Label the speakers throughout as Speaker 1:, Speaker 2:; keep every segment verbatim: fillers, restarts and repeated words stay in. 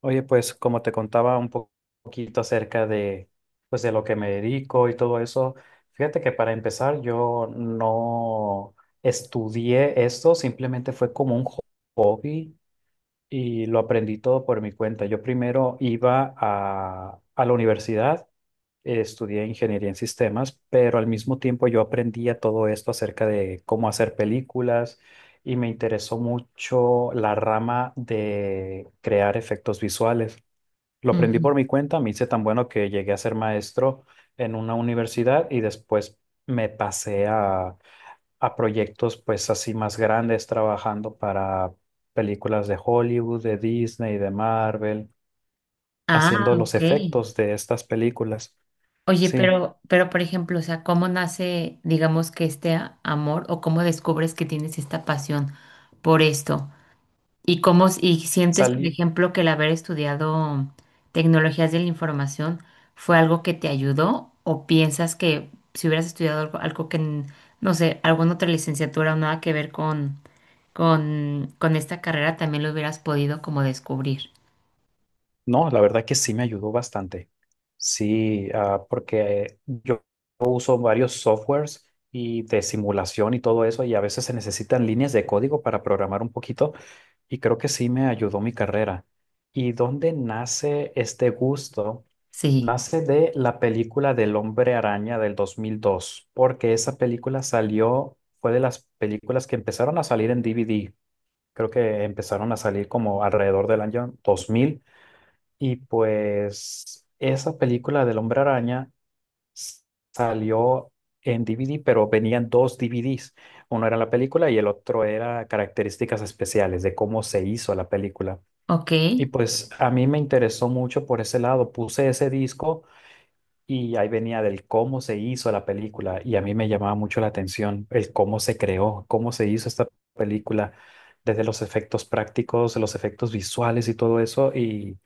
Speaker 1: Oye, pues como te contaba un po- poquito acerca de, pues, de lo que me dedico y todo eso, fíjate que para empezar yo no estudié esto, simplemente fue como un ho- hobby y lo aprendí todo por mi cuenta. Yo primero iba a, a la universidad, eh, estudié ingeniería en sistemas, pero al mismo tiempo yo aprendía todo esto acerca de cómo hacer películas y me interesó mucho la rama de crear efectos visuales. Lo aprendí
Speaker 2: Ujú.
Speaker 1: por mi cuenta, me hice tan bueno que llegué a ser maestro en una universidad y después me pasé a, a proyectos pues así más grandes trabajando para películas de Hollywood, de Disney, de Marvel,
Speaker 2: Ah,
Speaker 1: haciendo los
Speaker 2: ok.
Speaker 1: efectos de estas películas.
Speaker 2: Oye,
Speaker 1: Sí,
Speaker 2: pero, pero por ejemplo, o sea, ¿cómo nace, digamos, que este a- amor o cómo descubres que tienes esta pasión por esto? ¿Y cómo, s- y sientes, por
Speaker 1: salí,
Speaker 2: ejemplo, que el haber estudiado tecnologías de la información fue algo que te ayudó? ¿O piensas que si hubieras estudiado algo, algo que, n- no sé, alguna otra licenciatura o nada que ver con, con, con esta carrera, también lo hubieras podido como descubrir?
Speaker 1: no, la verdad que sí me ayudó bastante. Sí, ah, porque yo son varios softwares y de simulación y todo eso, y a veces se necesitan líneas de código para programar un poquito, y creo que sí me ayudó mi carrera. ¿Y dónde nace este gusto?
Speaker 2: Sí,
Speaker 1: Nace de la película del Hombre Araña del dos mil dos, porque esa película salió, fue de las películas que empezaron a salir en D V D. Creo que empezaron a salir como alrededor del año dos mil, y pues esa película del Hombre Araña salió en D V D, pero venían dos D V Ds. Uno era la película y el otro era características especiales de cómo se hizo la película.
Speaker 2: ok.
Speaker 1: Y pues a mí me interesó mucho por ese lado. Puse ese disco y ahí venía del cómo se hizo la película y a mí me llamaba mucho la atención el cómo se creó, cómo se hizo esta película, desde los efectos prácticos, los efectos visuales y todo eso. Y,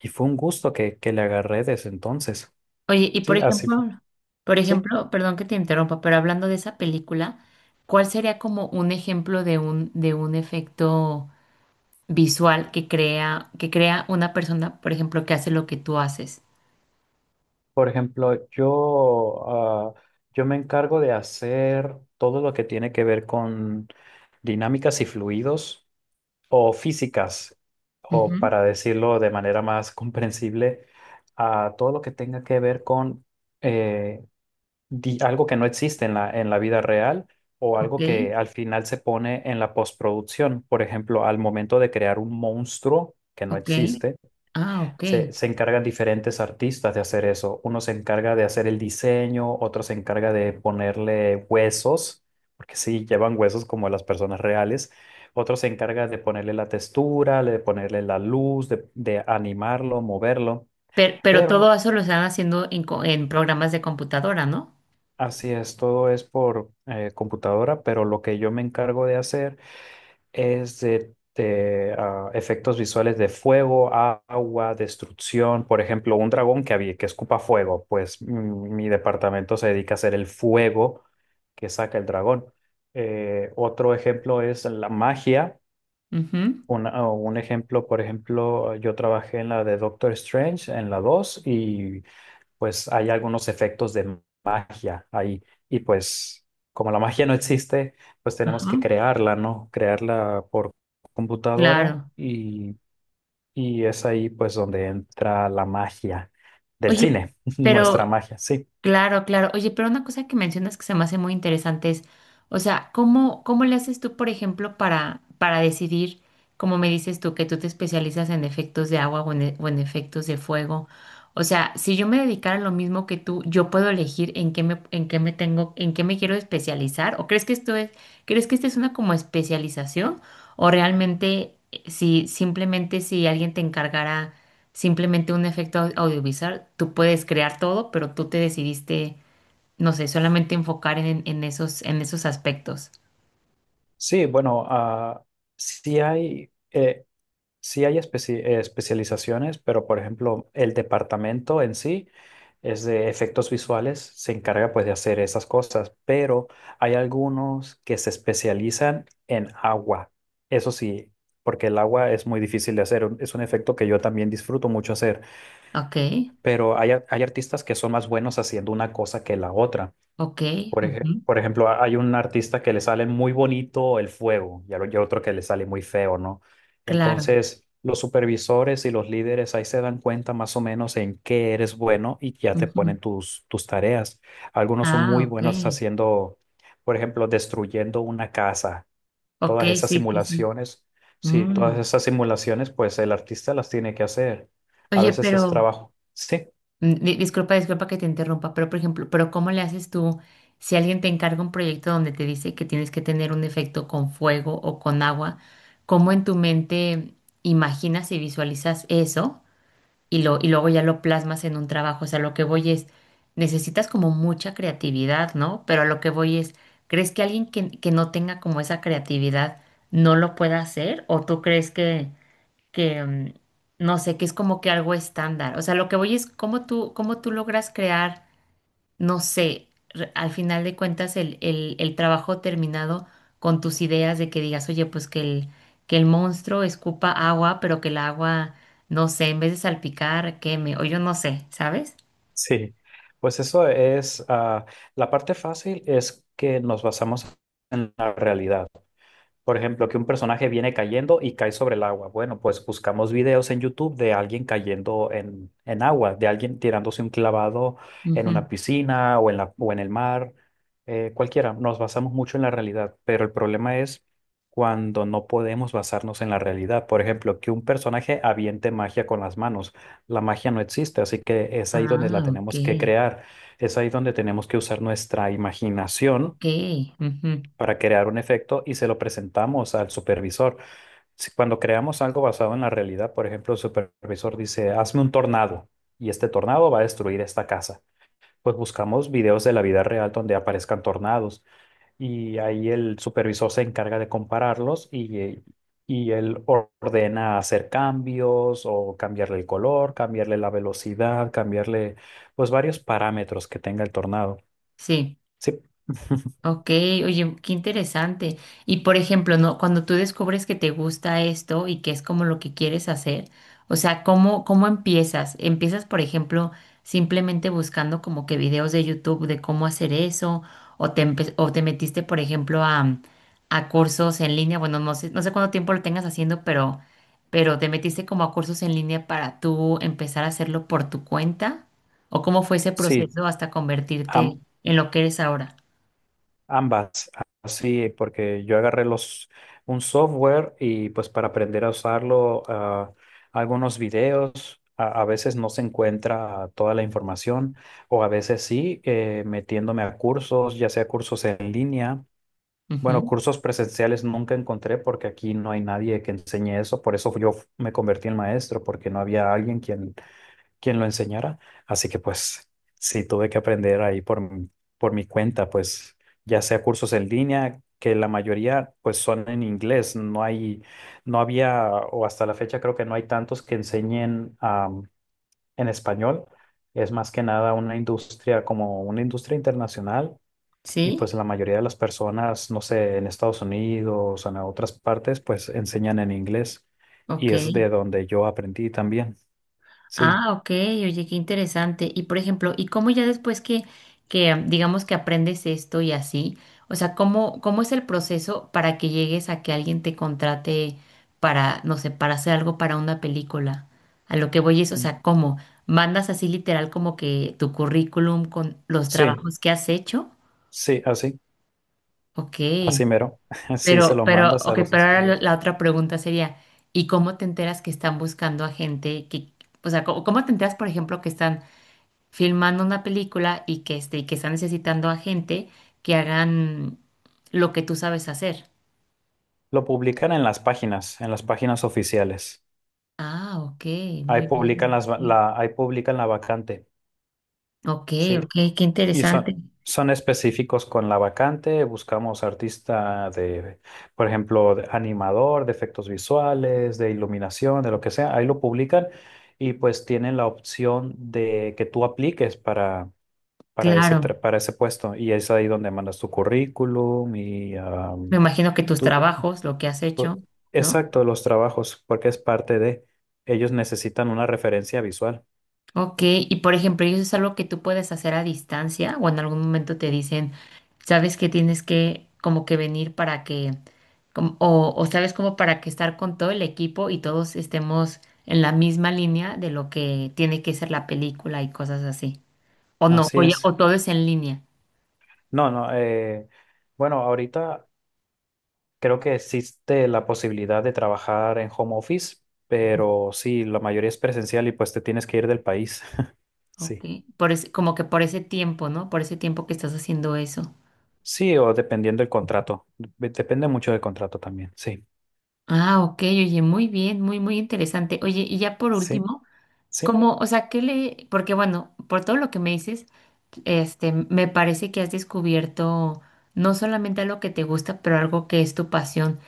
Speaker 1: y fue un gusto que, que le agarré desde entonces.
Speaker 2: Oye, y por
Speaker 1: Sí, así, fu-
Speaker 2: ejemplo, por
Speaker 1: sí.
Speaker 2: ejemplo, perdón que te interrumpa, pero hablando de esa película, ¿cuál sería como un ejemplo de un, de un efecto visual que crea, que crea una persona, por ejemplo, que hace lo que tú haces?
Speaker 1: Por ejemplo, yo, ah, yo me encargo de hacer todo lo que tiene que ver con dinámicas y fluidos o físicas, o
Speaker 2: Ujú.
Speaker 1: para decirlo de manera más comprensible, a todo lo que tenga que ver con eh, di- algo que no existe en la, en la vida real o
Speaker 2: Ok,
Speaker 1: algo que al final se pone en la postproducción. Por ejemplo, al momento de crear un monstruo que no
Speaker 2: ok,
Speaker 1: existe
Speaker 2: ah, ok.
Speaker 1: se, se encargan diferentes artistas de hacer eso. Uno se encarga de hacer el diseño, otro se encarga de ponerle huesos, porque sí, llevan huesos como las personas reales. Otro se encarga de ponerle la textura, de ponerle la luz, de, de animarlo, moverlo.
Speaker 2: Pero, pero todo
Speaker 1: Pero
Speaker 2: eso lo están haciendo en, co- en programas de computadora, ¿no?
Speaker 1: así es, todo es por eh, computadora, pero lo que yo me encargo de hacer es de, de, ah, efectos visuales de fuego, a- agua, destrucción. Por ejemplo, un dragón que, había, que escupa fuego, pues mm, mi departamento se dedica a hacer el fuego que saca el dragón. Eh, otro ejemplo es la magia.
Speaker 2: Ujú.
Speaker 1: Una- un ejemplo, por ejemplo, yo trabajé en la de Doctor Strange, en la dos y pues hay algunos efectos de magia ahí. Y pues como la magia no existe, pues tenemos
Speaker 2: Ajá,
Speaker 1: que crearla, ¿no? Crearla por computadora
Speaker 2: claro.
Speaker 1: y, y es ahí pues donde entra la magia del
Speaker 2: Oye,
Speaker 1: cine, nuestra
Speaker 2: pero
Speaker 1: magia, sí.
Speaker 2: claro, claro. Oye, pero una cosa que mencionas que se me hace muy interesante es, o sea, ¿cómo, cómo le haces tú, por ejemplo, para, para decidir, como me dices tú, que tú te especializas en efectos de agua o en, e- o en efectos de fuego? O sea, si yo me dedicara a lo mismo que tú, yo puedo elegir en qué me, en qué me tengo, en qué me quiero especializar. ¿O crees que esto es, crees que esta es una como especialización? O realmente, eh, si simplemente si alguien te encargara simplemente un efecto au- audiovisual, tú puedes crear todo, pero tú te decidiste, no sé, solamente enfocar en, en esos, en esos aspectos.
Speaker 1: Sí, bueno, ah, sí hay... eh, sí hay especi- eh, especializaciones, pero por ejemplo, el departamento en sí es de efectos visuales, se encarga pues de hacer esas cosas, pero hay algunos que se especializan en agua. Eso sí, porque el agua es muy difícil de hacer, un- es un efecto que yo también disfruto mucho hacer,
Speaker 2: Ok,
Speaker 1: pero hay, ar- hay artistas que son más buenos haciendo una cosa que la otra.
Speaker 2: ok,
Speaker 1: Por
Speaker 2: ujú.
Speaker 1: ej- por ejemplo, ha- hay un artista que le sale muy bonito el fuego y al- y a otro que le sale muy feo, ¿no?
Speaker 2: Claro.
Speaker 1: Entonces, los supervisores y los líderes ahí se dan cuenta más o menos en qué eres bueno y ya te
Speaker 2: Ujú.
Speaker 1: ponen tus, tus tareas. Algunos son
Speaker 2: Ah,
Speaker 1: muy
Speaker 2: ok.
Speaker 1: buenos haciendo, por ejemplo, destruyendo una casa.
Speaker 2: Ok,
Speaker 1: Todas esas
Speaker 2: sí, sí, sí.
Speaker 1: simulaciones, sí,
Speaker 2: Mm.
Speaker 1: todas esas simulaciones, pues el artista las tiene que hacer. A
Speaker 2: Oye,
Speaker 1: veces es
Speaker 2: pero...
Speaker 1: trabajo. Sí.
Speaker 2: Mm, di- Disculpa, disculpa que te interrumpa, pero por ejemplo, pero ¿cómo le haces tú si alguien te encarga un proyecto donde te dice que tienes que tener un efecto con fuego o con agua? ¿Cómo en tu mente imaginas y visualizas eso y lo y luego ya lo plasmas en un trabajo? O sea, lo que voy es, necesitas como mucha creatividad, ¿no? Pero a lo que voy es, ¿crees que alguien que, que no tenga como esa creatividad no lo pueda hacer? ¿O tú crees que que mm, no sé, que es como que algo estándar? O sea, lo que voy es cómo tú, cómo tú logras crear, no sé, re- al final de cuentas el, el, el trabajo terminado con tus ideas de que digas, oye, pues que el, que el monstruo escupa agua, pero que el agua, no sé, en vez de salpicar, queme, o yo no sé, ¿sabes?
Speaker 1: Sí, pues eso es, ah, la parte fácil es que nos basamos en la realidad. Por ejemplo, que un personaje viene cayendo y cae sobre el agua. Bueno, pues buscamos videos en YouTube de alguien cayendo en, en agua, de alguien tirándose un clavado en
Speaker 2: Ujú.
Speaker 1: una piscina o en la, o en el mar, eh, cualquiera. Nos basamos mucho en la realidad, pero el problema es cuando no podemos basarnos en la realidad. Por ejemplo, que un personaje aviente magia con las manos. La magia no existe, así que es ahí donde la
Speaker 2: Ah, ok,
Speaker 1: tenemos que crear. Es ahí donde tenemos que usar nuestra imaginación
Speaker 2: ok, ujú.
Speaker 1: para crear un efecto y se lo presentamos al supervisor. Si cuando creamos algo basado en la realidad, por ejemplo, el supervisor dice, hazme un tornado y este tornado va a destruir esta casa. Pues buscamos videos de la vida real donde aparezcan tornados y ahí el supervisor se encarga de compararlos y, eh, y él or- ordena hacer cambios o cambiarle el color, cambiarle la velocidad, cambiarle pues varios parámetros que tenga el tornado.
Speaker 2: Sí.
Speaker 1: Sí,
Speaker 2: Ok, oye, qué interesante. Y por ejemplo, ¿no? Cuando tú descubres que te gusta esto y que es como lo que quieres hacer, o sea, ¿cómo, cómo empiezas? ¿Empiezas, por ejemplo, simplemente buscando como que videos de YouTube de cómo hacer eso? ¿O te, empe- o te metiste, por ejemplo, a, a cursos en línea? Bueno, no sé, no sé cuánto tiempo lo tengas haciendo, pero, pero ¿te metiste como a cursos en línea para tú empezar a hacerlo por tu cuenta? ¿O cómo fue ese
Speaker 1: sí.
Speaker 2: proceso hasta
Speaker 1: Am-
Speaker 2: convertirte en lo que eres ahora?
Speaker 1: Ambas, sí porque yo agarré los, un software y pues para aprender a usarlo, ah, algunos videos, a, a veces no se encuentra toda la información o a veces sí, eh, metiéndome a cursos, ya sea cursos en línea. Bueno,
Speaker 2: Ujú.
Speaker 1: cursos presenciales nunca encontré porque aquí no hay nadie que enseñe eso, por eso yo me convertí en maestro, porque no había alguien quien quien lo enseñara. Así que pues sí, tuve que aprender ahí por, mi- por mi cuenta, pues ya sea cursos en línea, que la mayoría pues son en inglés, no hay, no había, o hasta la fecha creo que no hay tantos que enseñen am, en español. Es más que nada una industria como una industria internacional y
Speaker 2: Sí,
Speaker 1: pues la mayoría de las personas, no sé, en Estados Unidos o en otras partes, pues enseñan en inglés y
Speaker 2: ok.
Speaker 1: es de donde yo aprendí también. Sí,
Speaker 2: Ah, ok, oye, qué interesante. Y por ejemplo, ¿y cómo ya después que, que am, digamos que aprendes esto y así? O sea, ¿cómo, cómo es el proceso para que llegues a que alguien te contrate para, no sé, para hacer algo para una película? A lo que voy es, o sea, ¿cómo? ¿Mandas así literal como que tu currículum con los
Speaker 1: sí.
Speaker 2: trabajos que has hecho?
Speaker 1: Sí, así,
Speaker 2: Ok.
Speaker 1: así mero. Sí, se
Speaker 2: Pero,
Speaker 1: los
Speaker 2: pero,
Speaker 1: mandas a
Speaker 2: ok,
Speaker 1: los
Speaker 2: pero ahora la
Speaker 1: estudios.
Speaker 2: la otra pregunta sería, ¿y cómo te enteras que están buscando a gente que, o sea, cómo, cómo te enteras, por ejemplo, que están filmando una película y que, este, y que están necesitando a gente que hagan lo que tú sabes hacer?
Speaker 1: Lo publican en las páginas, en las páginas oficiales.
Speaker 2: Ah, ok,
Speaker 1: Ahí
Speaker 2: muy
Speaker 1: publican
Speaker 2: bien.
Speaker 1: las, va-
Speaker 2: Bien.
Speaker 1: la, ahí publican la vacante.
Speaker 2: Ok,
Speaker 1: Sí,
Speaker 2: ok, qué
Speaker 1: y son,
Speaker 2: interesante.
Speaker 1: son específicos con la vacante. Buscamos artista de, por ejemplo, de animador, de efectos visuales, de iluminación, de lo que sea. Ahí lo publican y pues tienen la opción de que tú apliques para para ese,
Speaker 2: Claro.
Speaker 1: tra- para ese puesto. Y es ahí donde mandas tu currículum y
Speaker 2: Me
Speaker 1: am,
Speaker 2: imagino que tus
Speaker 1: tú,
Speaker 2: trabajos, lo que has hecho,
Speaker 1: tú-
Speaker 2: ¿no?
Speaker 1: exacto, los trabajos, porque es parte de, ellos necesitan una referencia visual.
Speaker 2: Ok, y por ejemplo, ¿y eso es algo que tú puedes hacer a distancia o en algún momento te dicen, sabes que tienes que como que venir para que, como- o, o sabes como para que estar con todo el equipo y todos estemos en la misma línea de lo que tiene que ser la película y cosas así? O no,
Speaker 1: Así
Speaker 2: o, ya-
Speaker 1: es.
Speaker 2: o todo es en línea.
Speaker 1: No, no, eh, bueno, ahorita creo que existe la posibilidad de trabajar en home office, pero sí, la mayoría es presencial y pues te tienes que ir del país.
Speaker 2: Ok,
Speaker 1: Sí.
Speaker 2: por ese- como que por ese tiempo, ¿no? Por ese tiempo que estás haciendo eso.
Speaker 1: Sí, o dependiendo del contrato. Dep- Depende mucho del contrato también. Sí.
Speaker 2: Ah, ok, oye, muy bien, muy, muy interesante. Oye, y ya por
Speaker 1: Sí,
Speaker 2: último.
Speaker 1: sí,
Speaker 2: Como, o sea, ¿qué le...? Porque bueno, por todo lo que me dices, este, me parece que has descubierto no solamente algo que te gusta, pero algo que es tu pasión.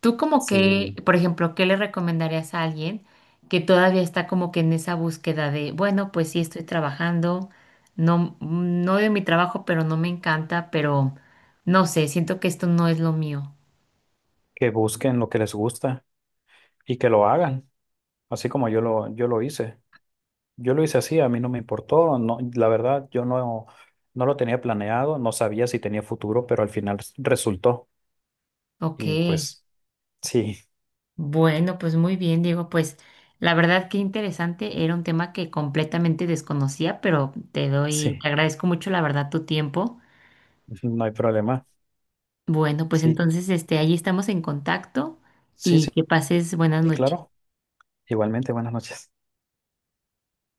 Speaker 2: Tú como que,
Speaker 1: sí.
Speaker 2: por ejemplo, ¿qué le recomendarías a alguien que todavía está como que en esa búsqueda de, bueno, pues sí estoy trabajando, no, no odio mi trabajo, pero no me encanta, pero no sé, siento que esto no es lo mío.
Speaker 1: Que busquen lo que les gusta y que lo hagan, así como yo lo, yo lo hice. Yo lo hice así, a mí no me importó, no, la verdad, yo no, no lo tenía planeado, no sabía si tenía futuro, pero al final s- resultó.
Speaker 2: Ok.
Speaker 1: Y pues sí,
Speaker 2: Bueno, pues muy bien, Diego. Pues la verdad que interesante. Era un tema que completamente desconocía, pero te doy,
Speaker 1: sí,
Speaker 2: te agradezco mucho la verdad tu tiempo.
Speaker 1: no hay problema.
Speaker 2: Bueno, pues
Speaker 1: Sí,
Speaker 2: entonces este, ahí estamos en contacto
Speaker 1: sí,
Speaker 2: y
Speaker 1: sí,
Speaker 2: que pases buenas
Speaker 1: sí,
Speaker 2: noches.
Speaker 1: claro. Igualmente, buenas noches.